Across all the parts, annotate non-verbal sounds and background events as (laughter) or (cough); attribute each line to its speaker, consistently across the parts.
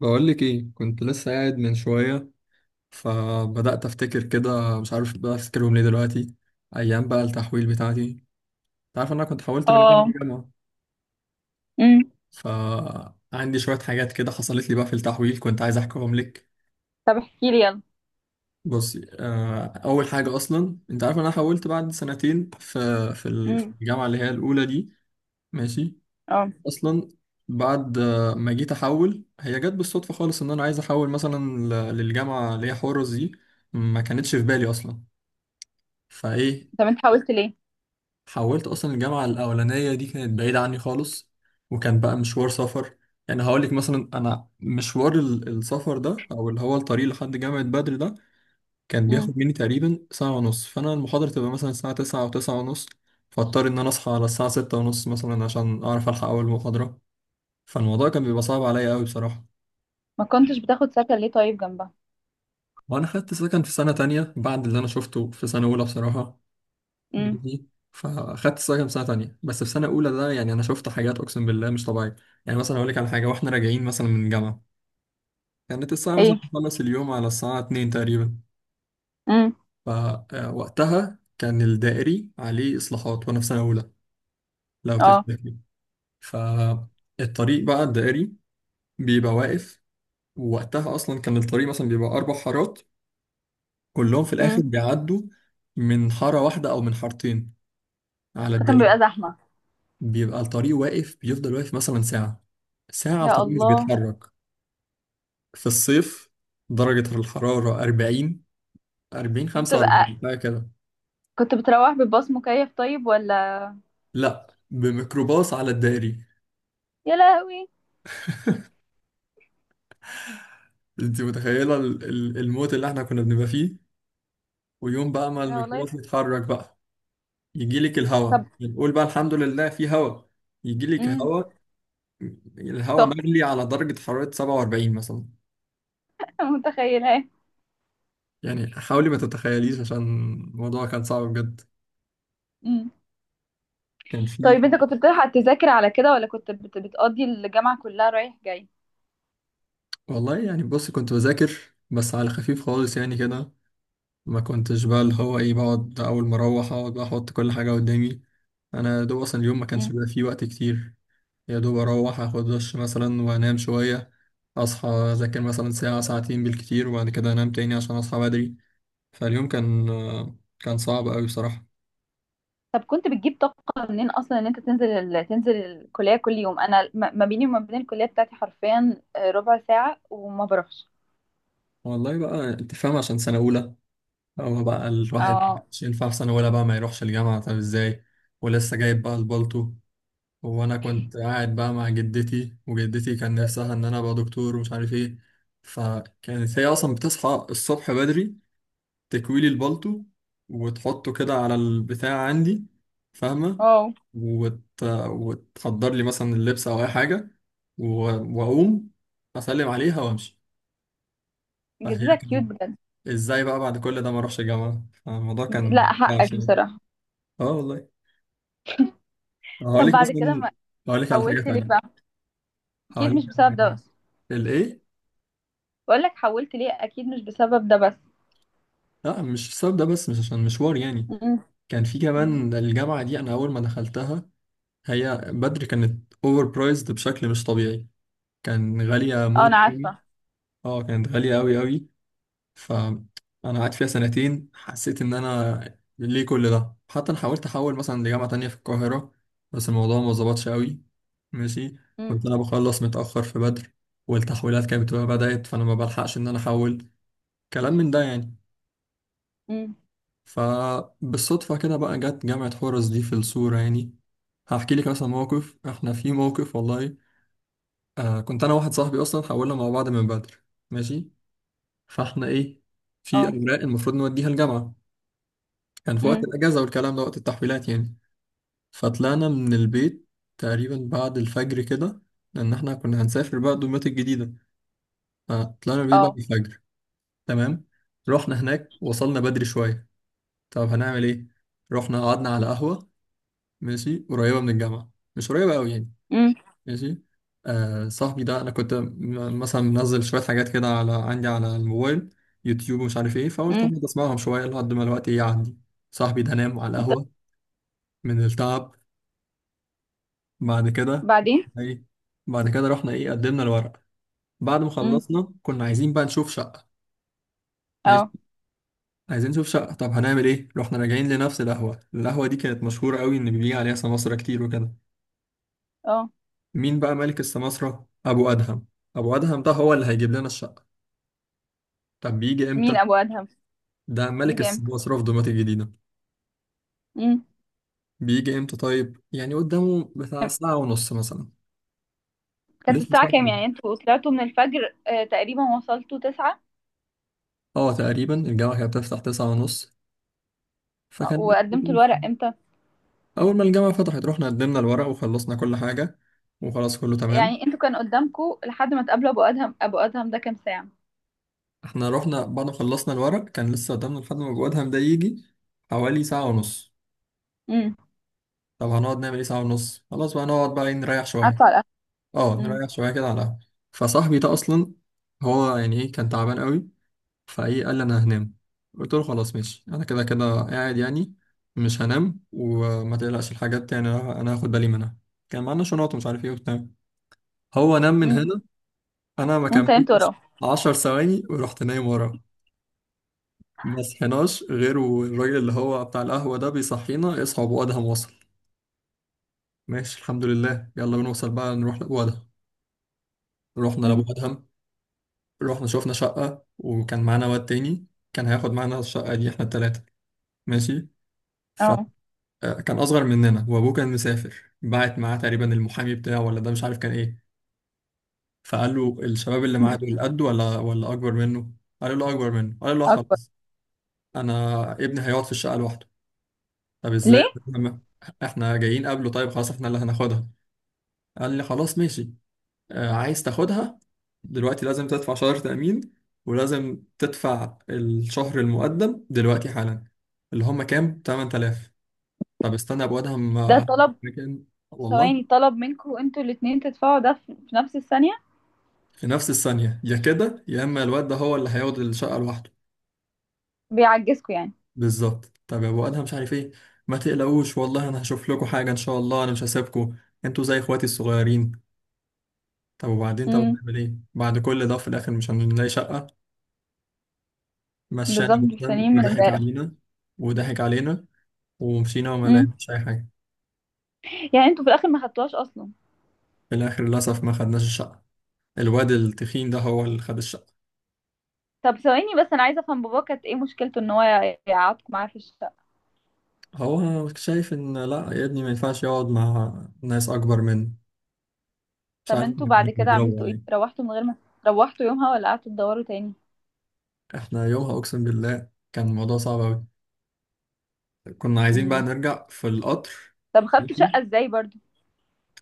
Speaker 1: بقول لك ايه، كنت لسه قاعد من شويه، فبدات افتكر كده، مش عارف بقى افتكرهم ليه دلوقتي. ايام بقى التحويل بتاعتي. انت عارف إن انا كنت حولت من جامعه
Speaker 2: اه.
Speaker 1: لجامعه،
Speaker 2: امم.
Speaker 1: فعندي شويه حاجات كده حصلت لي بقى في التحويل كنت عايز احكيهم لك.
Speaker 2: طب احكي لي يلا.
Speaker 1: بصي اول حاجه اصلا، انت عارف إن انا حولت بعد سنتين في في
Speaker 2: امم.
Speaker 1: الجامعه اللي هي الاولى دي. ماشي؟
Speaker 2: اه.
Speaker 1: اصلا بعد ما جيت احول، هي جت بالصدفه خالص ان انا عايز احول مثلا للجامعه اللي هي حورس دي. ما كانتش في بالي اصلا. فايه،
Speaker 2: طب انت حاولت ليه؟
Speaker 1: حولت اصلا الجامعه الاولانيه دي كانت بعيده عني خالص، وكان بقى مشوار سفر. يعني هقول لك مثلا، انا مشوار السفر ده، او اللي هو الطريق لحد جامعه بدر ده كان
Speaker 2: امم.
Speaker 1: بياخد مني تقريبا ساعه ونص. فانا المحاضره تبقى مثلا الساعه 9 او 9 ونص، فاضطر ان انا اصحى على الساعه 6 ونص مثلا عشان اعرف الحق اول محاضره. فالموضوع كان بيبقى صعب عليا قوي بصراحه.
Speaker 2: ما كنتش بتاخد سكن ليه طيب جنبها؟
Speaker 1: وانا خدت سكن في سنه تانية، بعد اللي انا شفته في سنه اولى بصراحه
Speaker 2: امم.
Speaker 1: دي. فاخدت السايكم سنه تانية، بس في سنه اولى ده يعني انا شفت حاجات اقسم بالله مش طبيعيه. يعني مثلا اقول لك على حاجه، واحنا راجعين مثلا من الجامعه، كانت الساعه مثلا
Speaker 2: ايه.
Speaker 1: بتخلص اليوم على الساعه 2 تقريبا.
Speaker 2: امم.
Speaker 1: فوقتها كان الدائري عليه اصلاحات، وانا في سنه اولى لو
Speaker 2: اه.
Speaker 1: تفتكر. فالطريق بقى، الدائري بيبقى واقف. ووقتها اصلا كان الطريق مثلا بيبقى اربع حارات، كلهم في الاخر
Speaker 2: امم.
Speaker 1: بيعدوا من حاره واحده او من حارتين على
Speaker 2: فكان
Speaker 1: الدائري.
Speaker 2: بيبقى زحمه.
Speaker 1: بيبقى الطريق واقف، بيفضل واقف مثلا ساعة، ساعة
Speaker 2: يا
Speaker 1: الطريق مش
Speaker 2: الله.
Speaker 1: بيتحرك. في الصيف درجة الحرارة 40، 40
Speaker 2: بتبقى
Speaker 1: 45 بقى كده.
Speaker 2: كنت بتروح بالباص مكيف طيب ولا؟
Speaker 1: لا، بميكروباص على الدائري.
Speaker 2: يا لهوي.
Speaker 1: انت متخيلة الموت اللي احنا كنا بنبقى فيه؟ ويوم بقى ما
Speaker 2: انا
Speaker 1: الميكروباص
Speaker 2: والله.
Speaker 1: يتحرك بقى، يجيلك
Speaker 2: طب.
Speaker 1: الهواء، نقول بقى الحمد لله في هواء. يجيلك
Speaker 2: امم.
Speaker 1: هواء، الهواء
Speaker 2: سخن.
Speaker 1: مغلي على درجة حرارة 47 مثلا.
Speaker 2: (laughs) متخيله.
Speaker 1: يعني حاولي ما تتخيليش، عشان الموضوع كان صعب بجد.
Speaker 2: امم.
Speaker 1: كان فيه.
Speaker 2: طيب انت كنت بتلحق تذاكر على كده ولا كنت بتقضي الجامعه كلها رايح جاي؟
Speaker 1: والله يعني بص، كنت بذاكر، بس على خفيف خالص يعني كده. ما كنتش بقى اللي هو ايه، بقعد اول ما اروح اقعد بقى احط كل حاجه قدامي. انا يا دوب اصلا اليوم ما كانش بيبقى فيه وقت كتير. يا دوب اروح اخد دش مثلا وانام شويه، اصحى اذاكر مثلا ساعه ساعتين بالكتير، وبعد كده انام تاني عشان اصحى بدري. فاليوم كان، كان صعب قوي بصراحه.
Speaker 2: طب كنت بتجيب طاقة منين أصلا إن أنت تنزل تنزل الكلية كل يوم؟ أنا ما بيني وما بين الكلية بتاعتي حرفيا ربع ساعة وما بروحش.
Speaker 1: والله بقى انت فاهم، عشان سنه اولى. هو بقى الواحد
Speaker 2: اه.
Speaker 1: مش ينفع في سنه اولى بقى ما يروحش الجامعه، طب ازاي؟ ولسه جايب بقى البالتو. وانا كنت قاعد بقى مع جدتي، وجدتي كان نفسها ان انا ابقى دكتور ومش عارف ايه. فكانت هي اصلا بتصحى الصبح بدري، تكويلي البلطو، وتحطه كده على البتاع عندي. فاهمة؟
Speaker 2: اه،
Speaker 1: وت... وتحضر لي مثلا اللبس او اي حاجة، و... واقوم اسلم عليها وامشي. فهي
Speaker 2: جدتك كيوت
Speaker 1: كانت،
Speaker 2: بجد.
Speaker 1: ازاي بقى بعد كل ده ما اروحش الجامعة؟ فالموضوع
Speaker 2: لا
Speaker 1: كان وحش
Speaker 2: حقك
Speaker 1: يعني.
Speaker 2: بصراحة.
Speaker 1: اه والله.
Speaker 2: طب
Speaker 1: هقول لك
Speaker 2: بعد كده
Speaker 1: مثلا،
Speaker 2: ما
Speaker 1: هقول لك على حاجة
Speaker 2: حولت ليه
Speaker 1: تانية.
Speaker 2: بقى؟
Speaker 1: هقول
Speaker 2: أكيد
Speaker 1: لك
Speaker 2: مش
Speaker 1: على
Speaker 2: بسبب ده
Speaker 1: حاجة.
Speaker 2: بس.
Speaker 1: الايه.
Speaker 2: بقول لك حولت ليه أكيد مش بسبب ده بس.
Speaker 1: لا، مش بسبب ده بس، مش عشان مشوار يعني.
Speaker 2: أمم.
Speaker 1: كان في
Speaker 2: أمم.
Speaker 1: كمان الجامعة دي، أنا أول ما دخلتها، هي بدري كانت أوفر برايزد بشكل مش طبيعي. كان غالية
Speaker 2: اه، أنا
Speaker 1: موت يعني.
Speaker 2: عارفة.
Speaker 1: اه كانت غالية أوي أوي. فأنا قعدت فيها سنتين، حسيت إن أنا ليه كل ده؟ حتى أنا حاولت أحول مثلا لجامعة تانية في القاهرة، بس الموضوع ما ظبطش أوي. ماشي.
Speaker 2: أمم.
Speaker 1: كنت أنا بخلص متأخر في بدر، والتحويلات كانت بتبقى بدأت، فأنا ما بلحقش إن أنا أحول، كلام من ده يعني.
Speaker 2: أمم.
Speaker 1: فبالصدفة كده بقى جت جامعة حورس دي في الصورة يعني. هحكي لك مثلا موقف، احنا في موقف والله. آه كنت انا واحد صاحبي اصلا حاولنا مع بعض من بدر. ماشي. فاحنا ايه، في
Speaker 2: اه.
Speaker 1: اوراق المفروض نوديها الجامعة. كان في وقت
Speaker 2: أمم.
Speaker 1: الاجازة والكلام ده، وقت التحويلات يعني. فطلعنا من البيت تقريبا بعد الفجر كده، لان احنا كنا هنسافر بقى دمياط الجديدة. فطلعنا من البيت بعد
Speaker 2: اه.
Speaker 1: الفجر. تمام. رحنا هناك، وصلنا بدري شوية. طب هنعمل ايه؟ رحنا قعدنا على قهوة، ماشي، قريبة من الجامعة، مش قريبة أوي يعني.
Speaker 2: أمم.
Speaker 1: ماشي. صاحبي ده أنا كنت مثلا منزل شوية حاجات كده على عندي على الموبايل، يوتيوب ومش عارف إيه، فقلت
Speaker 2: أمم.
Speaker 1: أقعد أسمعهم شوية لحد ما الوقت يعدي. صاحبي ده نام على القهوة من التعب. بعد كده.
Speaker 2: بعدين.
Speaker 1: إيه؟ بعد كده رحنا، إيه، قدمنا الورق. بعد ما
Speaker 2: أمم.
Speaker 1: خلصنا كنا عايزين بقى نشوف شقة. ماشي.
Speaker 2: اه.
Speaker 1: عايزين نشوف شقة، طب هنعمل إيه؟ رحنا راجعين لنفس القهوة. القهوة دي كانت مشهورة أوي إن بيجي عليها سماسرة كتير وكده.
Speaker 2: اه،
Speaker 1: مين بقى ملك السماسرة؟ أبو أدهم. أبو أدهم ده هو اللي هيجيب لنا الشقة. طب بيجي إمتى؟
Speaker 2: مين أبو أدهم؟
Speaker 1: ده ملك
Speaker 2: بيجي
Speaker 1: السماسرة في دمياط الجديدة.
Speaker 2: امتى؟
Speaker 1: بيجي إمتى طيب؟ يعني قدامه بتاع ساعة ونص مثلا.
Speaker 2: كانت
Speaker 1: لسه
Speaker 2: الساعة
Speaker 1: ساعة.
Speaker 2: كام يعني؟ انتوا طلعتوا من الفجر تقريبا وصلتوا تسعة؟
Speaker 1: اه تقريبا الجامعة كانت بتفتح تسعة ونص. فكان،
Speaker 2: وقدمتوا الورق امتى؟
Speaker 1: أول ما الجامعة فتحت رحنا قدمنا الورق وخلصنا كل حاجة، وخلاص كله تمام.
Speaker 2: يعني انتوا كان قدامكوا لحد ما تقابلوا ابو ادهم، ابو ادهم ده كام ساعة؟
Speaker 1: احنا رحنا بعد ما خلصنا الورق، كان لسه قدامنا لحد ما أبو أدهم ده يجي حوالي ساعة ونص.
Speaker 2: امم.
Speaker 1: طب هنقعد نعمل ايه ساعة ونص؟ خلاص بقى نقعد بقى إيه، نريح شوية.
Speaker 2: قعدتوا على القهوة؟
Speaker 1: اه
Speaker 2: امم.
Speaker 1: نريح شويه كده على القهوه. فصاحبي ده اصلا، هو يعني ايه، كان تعبان قوي. فايه، قال لي انا هنام. قلت له خلاص ماشي، انا كده كده قاعد يعني، مش هنام، وما تقلقش الحاجات يعني أنا هاخد بالي منها. كان معانا شنط ومش عارف ايه وبتاع. هو نام من
Speaker 2: امم.
Speaker 1: هنا، انا ما
Speaker 2: وانت نمت
Speaker 1: كملتش
Speaker 2: وراه؟
Speaker 1: عشر ثواني ورحت نايم وراه. ما صحيناش غير والراجل اللي هو بتاع القهوه ده بيصحينا: اصحى، ابو ادهم وصل. ماشي، الحمد لله، يلا بنوصل بقى نروح لابو ادهم. رحنا لابو
Speaker 2: امم.
Speaker 1: ادهم، رحنا شوفنا شقة، وكان معانا واد تاني كان هياخد معانا الشقة دي احنا التلاتة. ماشي.
Speaker 2: اه.
Speaker 1: فكان أصغر مننا، وأبوه كان مسافر، بعت معاه تقريبا المحامي بتاعه ولا ده مش عارف كان إيه. فقال له الشباب اللي معاه دول قده ولا أكبر منه؟ قال له أكبر منه. قال له: "لا
Speaker 2: اكبر؟
Speaker 1: خلاص، أنا ابني هيقعد في الشقة لوحده". طب إزاي؟
Speaker 2: ليه؟
Speaker 1: لما- إحنا جايين قبله، طيب خلاص إحنا اللي هناخدها. قال لي خلاص ماشي، عايز تاخدها، دلوقتي لازم تدفع شهر تأمين، ولازم تدفع الشهر المقدم دلوقتي حالا. اللي هم كام؟ 8000. طب استنى يا ابو ادهم،
Speaker 2: ده طلب؟
Speaker 1: مكان، والله.
Speaker 2: ثواني، طلب منكوا انتوا الاتنين تدفعوا ده في نفس الثانية؟
Speaker 1: في نفس الثانية، يا كده، يا اما الواد ده هو اللي هياخد الشقة لوحده.
Speaker 2: بيعجزكوا يعني.
Speaker 1: بالظبط. طب يا ابو ادهم مش عارف ايه، ما تقلقوش والله، انا هشوف لكم حاجة ان شاء الله، انا مش هسيبكم، انتوا زي اخواتي الصغيرين. طب وبعدين، طب
Speaker 2: امم.
Speaker 1: هنعمل ايه بعد كل ده؟ في الاخر مش هنلاقي شقة. مشانا
Speaker 2: بالظبط،
Speaker 1: ابو ادهم
Speaker 2: مستنيين من
Speaker 1: وضحك
Speaker 2: امبارح.
Speaker 1: علينا، وضحك علينا، ومشينا وما
Speaker 2: امم.
Speaker 1: لقيناش اي حاجه.
Speaker 2: يعني انتوا في الاخر ما خدتوهاش اصلا؟
Speaker 1: في الاخر للاسف ما خدناش الشقه، الواد التخين ده هو اللي خد الشقه.
Speaker 2: طب ثواني بس، انا عايزه افهم، بابا كانت ايه مشكلته ان هو يقعدكم معاه في الشقه؟
Speaker 1: هو شايف ان لا يا ابني ما ينفعش يقعد مع ناس اكبر منه. مش
Speaker 2: طب
Speaker 1: عارف،
Speaker 2: انتوا
Speaker 1: إحنا كنا
Speaker 2: بعد كده
Speaker 1: بنضربه
Speaker 2: عملتوا
Speaker 1: ولا
Speaker 2: ايه؟
Speaker 1: ايه؟
Speaker 2: روحتوا من غير ما روحتوا يومها ولا قعدتوا تدوروا تاني؟
Speaker 1: احنا يومها اقسم بالله كان الموضوع صعب قوي. كنا عايزين بقى
Speaker 2: امم.
Speaker 1: نرجع في القطر.
Speaker 2: طب خدتوا شقة ازاي برضو؟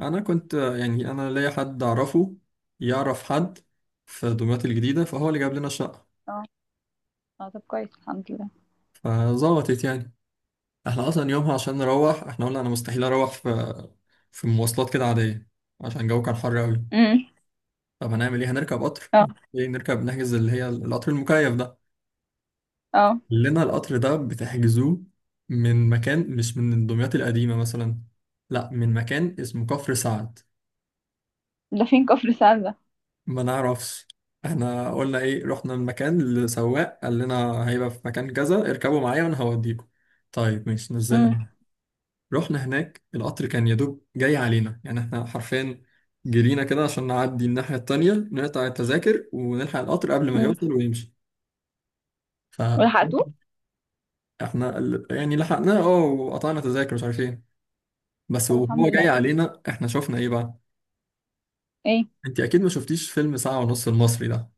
Speaker 1: انا كنت، يعني انا ليا حد اعرفه، يعرف حد في دمياط الجديده، فهو اللي جاب لنا الشقه.
Speaker 2: اه. اه، طب كويس الحمد لله.
Speaker 1: فظبطت يعني. احنا اصلا يومها عشان نروح، احنا قلنا انا مستحيل اروح في مواصلات كده عاديه، عشان الجو كان حر قوي.
Speaker 2: امم.
Speaker 1: طب هنعمل ايه؟ هنركب قطر.
Speaker 2: اه.
Speaker 1: ايه نركب، نحجز اللي هي القطر المكيف ده.
Speaker 2: اه،
Speaker 1: لنا القطر ده بتحجزوه من مكان، مش من دمياط القديمه مثلا، لا من مكان اسمه كفر سعد.
Speaker 2: ده فين كفر سعد ده؟
Speaker 1: ما نعرفش. احنا قلنا ايه، رحنا المكان، لسواق قال لنا هيبقى في مكان كذا، اركبوا معايا وانا هوديكم. طيب ماشي، نزلنا.
Speaker 2: امم.
Speaker 1: رحنا هناك، القطر كان يا دوب جاي علينا، يعني احنا حرفيا جرينا كده عشان نعدي الناحية التانية نقطع التذاكر ونلحق القطر قبل ما
Speaker 2: امم.
Speaker 1: يوصل ويمشي. فاحنا
Speaker 2: ولحقتوه؟
Speaker 1: يعني لحقناه اه، وقطعنا تذاكر مش عارف ايه. بس
Speaker 2: طب
Speaker 1: وهو
Speaker 2: الحمد
Speaker 1: جاي
Speaker 2: لله.
Speaker 1: علينا احنا شفنا ايه بقى؟
Speaker 2: ايه؟
Speaker 1: انت اكيد ما شفتيش فيلم ساعة ونص المصري ده.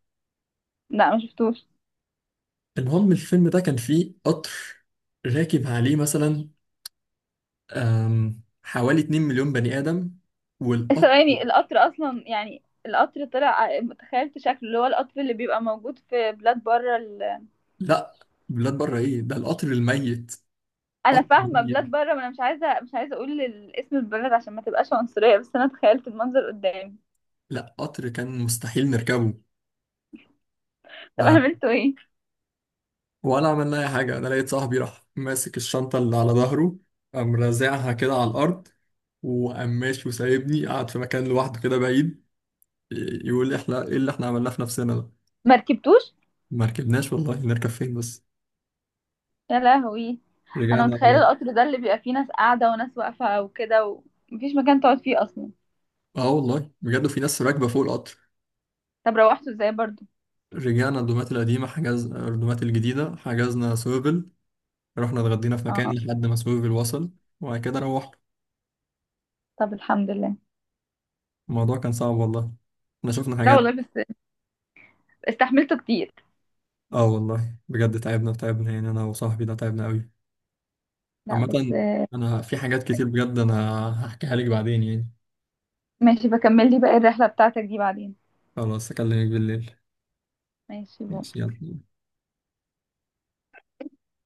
Speaker 2: لا، ما شفتوش.
Speaker 1: المهم الفيلم ده كان فيه قطر راكب عليه مثلا حوالي 2 مليون بني آدم.
Speaker 2: (laughs)
Speaker 1: والقطر،
Speaker 2: ثواني، القطر اصلا يعني القطر طلع. تخيلت شكله اللي هو القطر اللي بيبقى موجود في بلاد بره
Speaker 1: لا، بلاد بره ايه ده، القطر الميت.
Speaker 2: انا
Speaker 1: قطر
Speaker 2: فاهمه
Speaker 1: ميت،
Speaker 2: بلاد بره، ما انا مش عايزه مش عايزه اقول اسم البلد عشان ما تبقاش عنصريه، بس انا تخيلت المنظر قدامي.
Speaker 1: لا قطر كان مستحيل نركبه.
Speaker 2: طب
Speaker 1: ف-
Speaker 2: عملتوا ايه؟
Speaker 1: ولا عملنا اي حاجه. انا لقيت صاحبي راح ماسك الشنطه اللي على ظهره، قام رازعها كده على الارض، وقام ماشي وسايبني قاعد في مكان لوحده كده بعيد. يقول لي احنا ايه اللي احنا عملناه في نفسنا ده.
Speaker 2: ما ركبتوش؟
Speaker 1: ما ركبناش والله، نركب فين بس؟
Speaker 2: يا لهوي. انا
Speaker 1: رجعنا
Speaker 2: متخيله
Speaker 1: على،
Speaker 2: القطر ده اللي بيبقى فيه ناس قاعده وناس واقفه وكده ومفيش مكان تقعد فيه اصلا.
Speaker 1: اه والله بجد في ناس راكبه فوق القطر.
Speaker 2: طب روحته ازاي برضو؟
Speaker 1: رجعنا الدومات القديمه، حجز الدومات الجديده، حجزنا سوفل. رحنا اتغدينا في مكان
Speaker 2: اه.
Speaker 1: لحد ما سوفل وصل، وبعد كده روحنا.
Speaker 2: طب الحمد لله.
Speaker 1: الموضوع كان صعب والله، احنا شفنا
Speaker 2: لا
Speaker 1: حاجات.
Speaker 2: والله، بس استحملته كتير.
Speaker 1: اه والله بجد، تعبنا تعبنا يعني، انا وصاحبي ده تعبنا قوي.
Speaker 2: لا بس.
Speaker 1: عامة، انا في حاجات كتير بجد انا هحكيها لك بعدين يعني.
Speaker 2: ماشي، بكمل لي بقى الرحله بتاعتك دي بعدين.
Speaker 1: خلاص اكلمك بالليل.
Speaker 2: ماشي بو.
Speaker 1: ماشي يلا.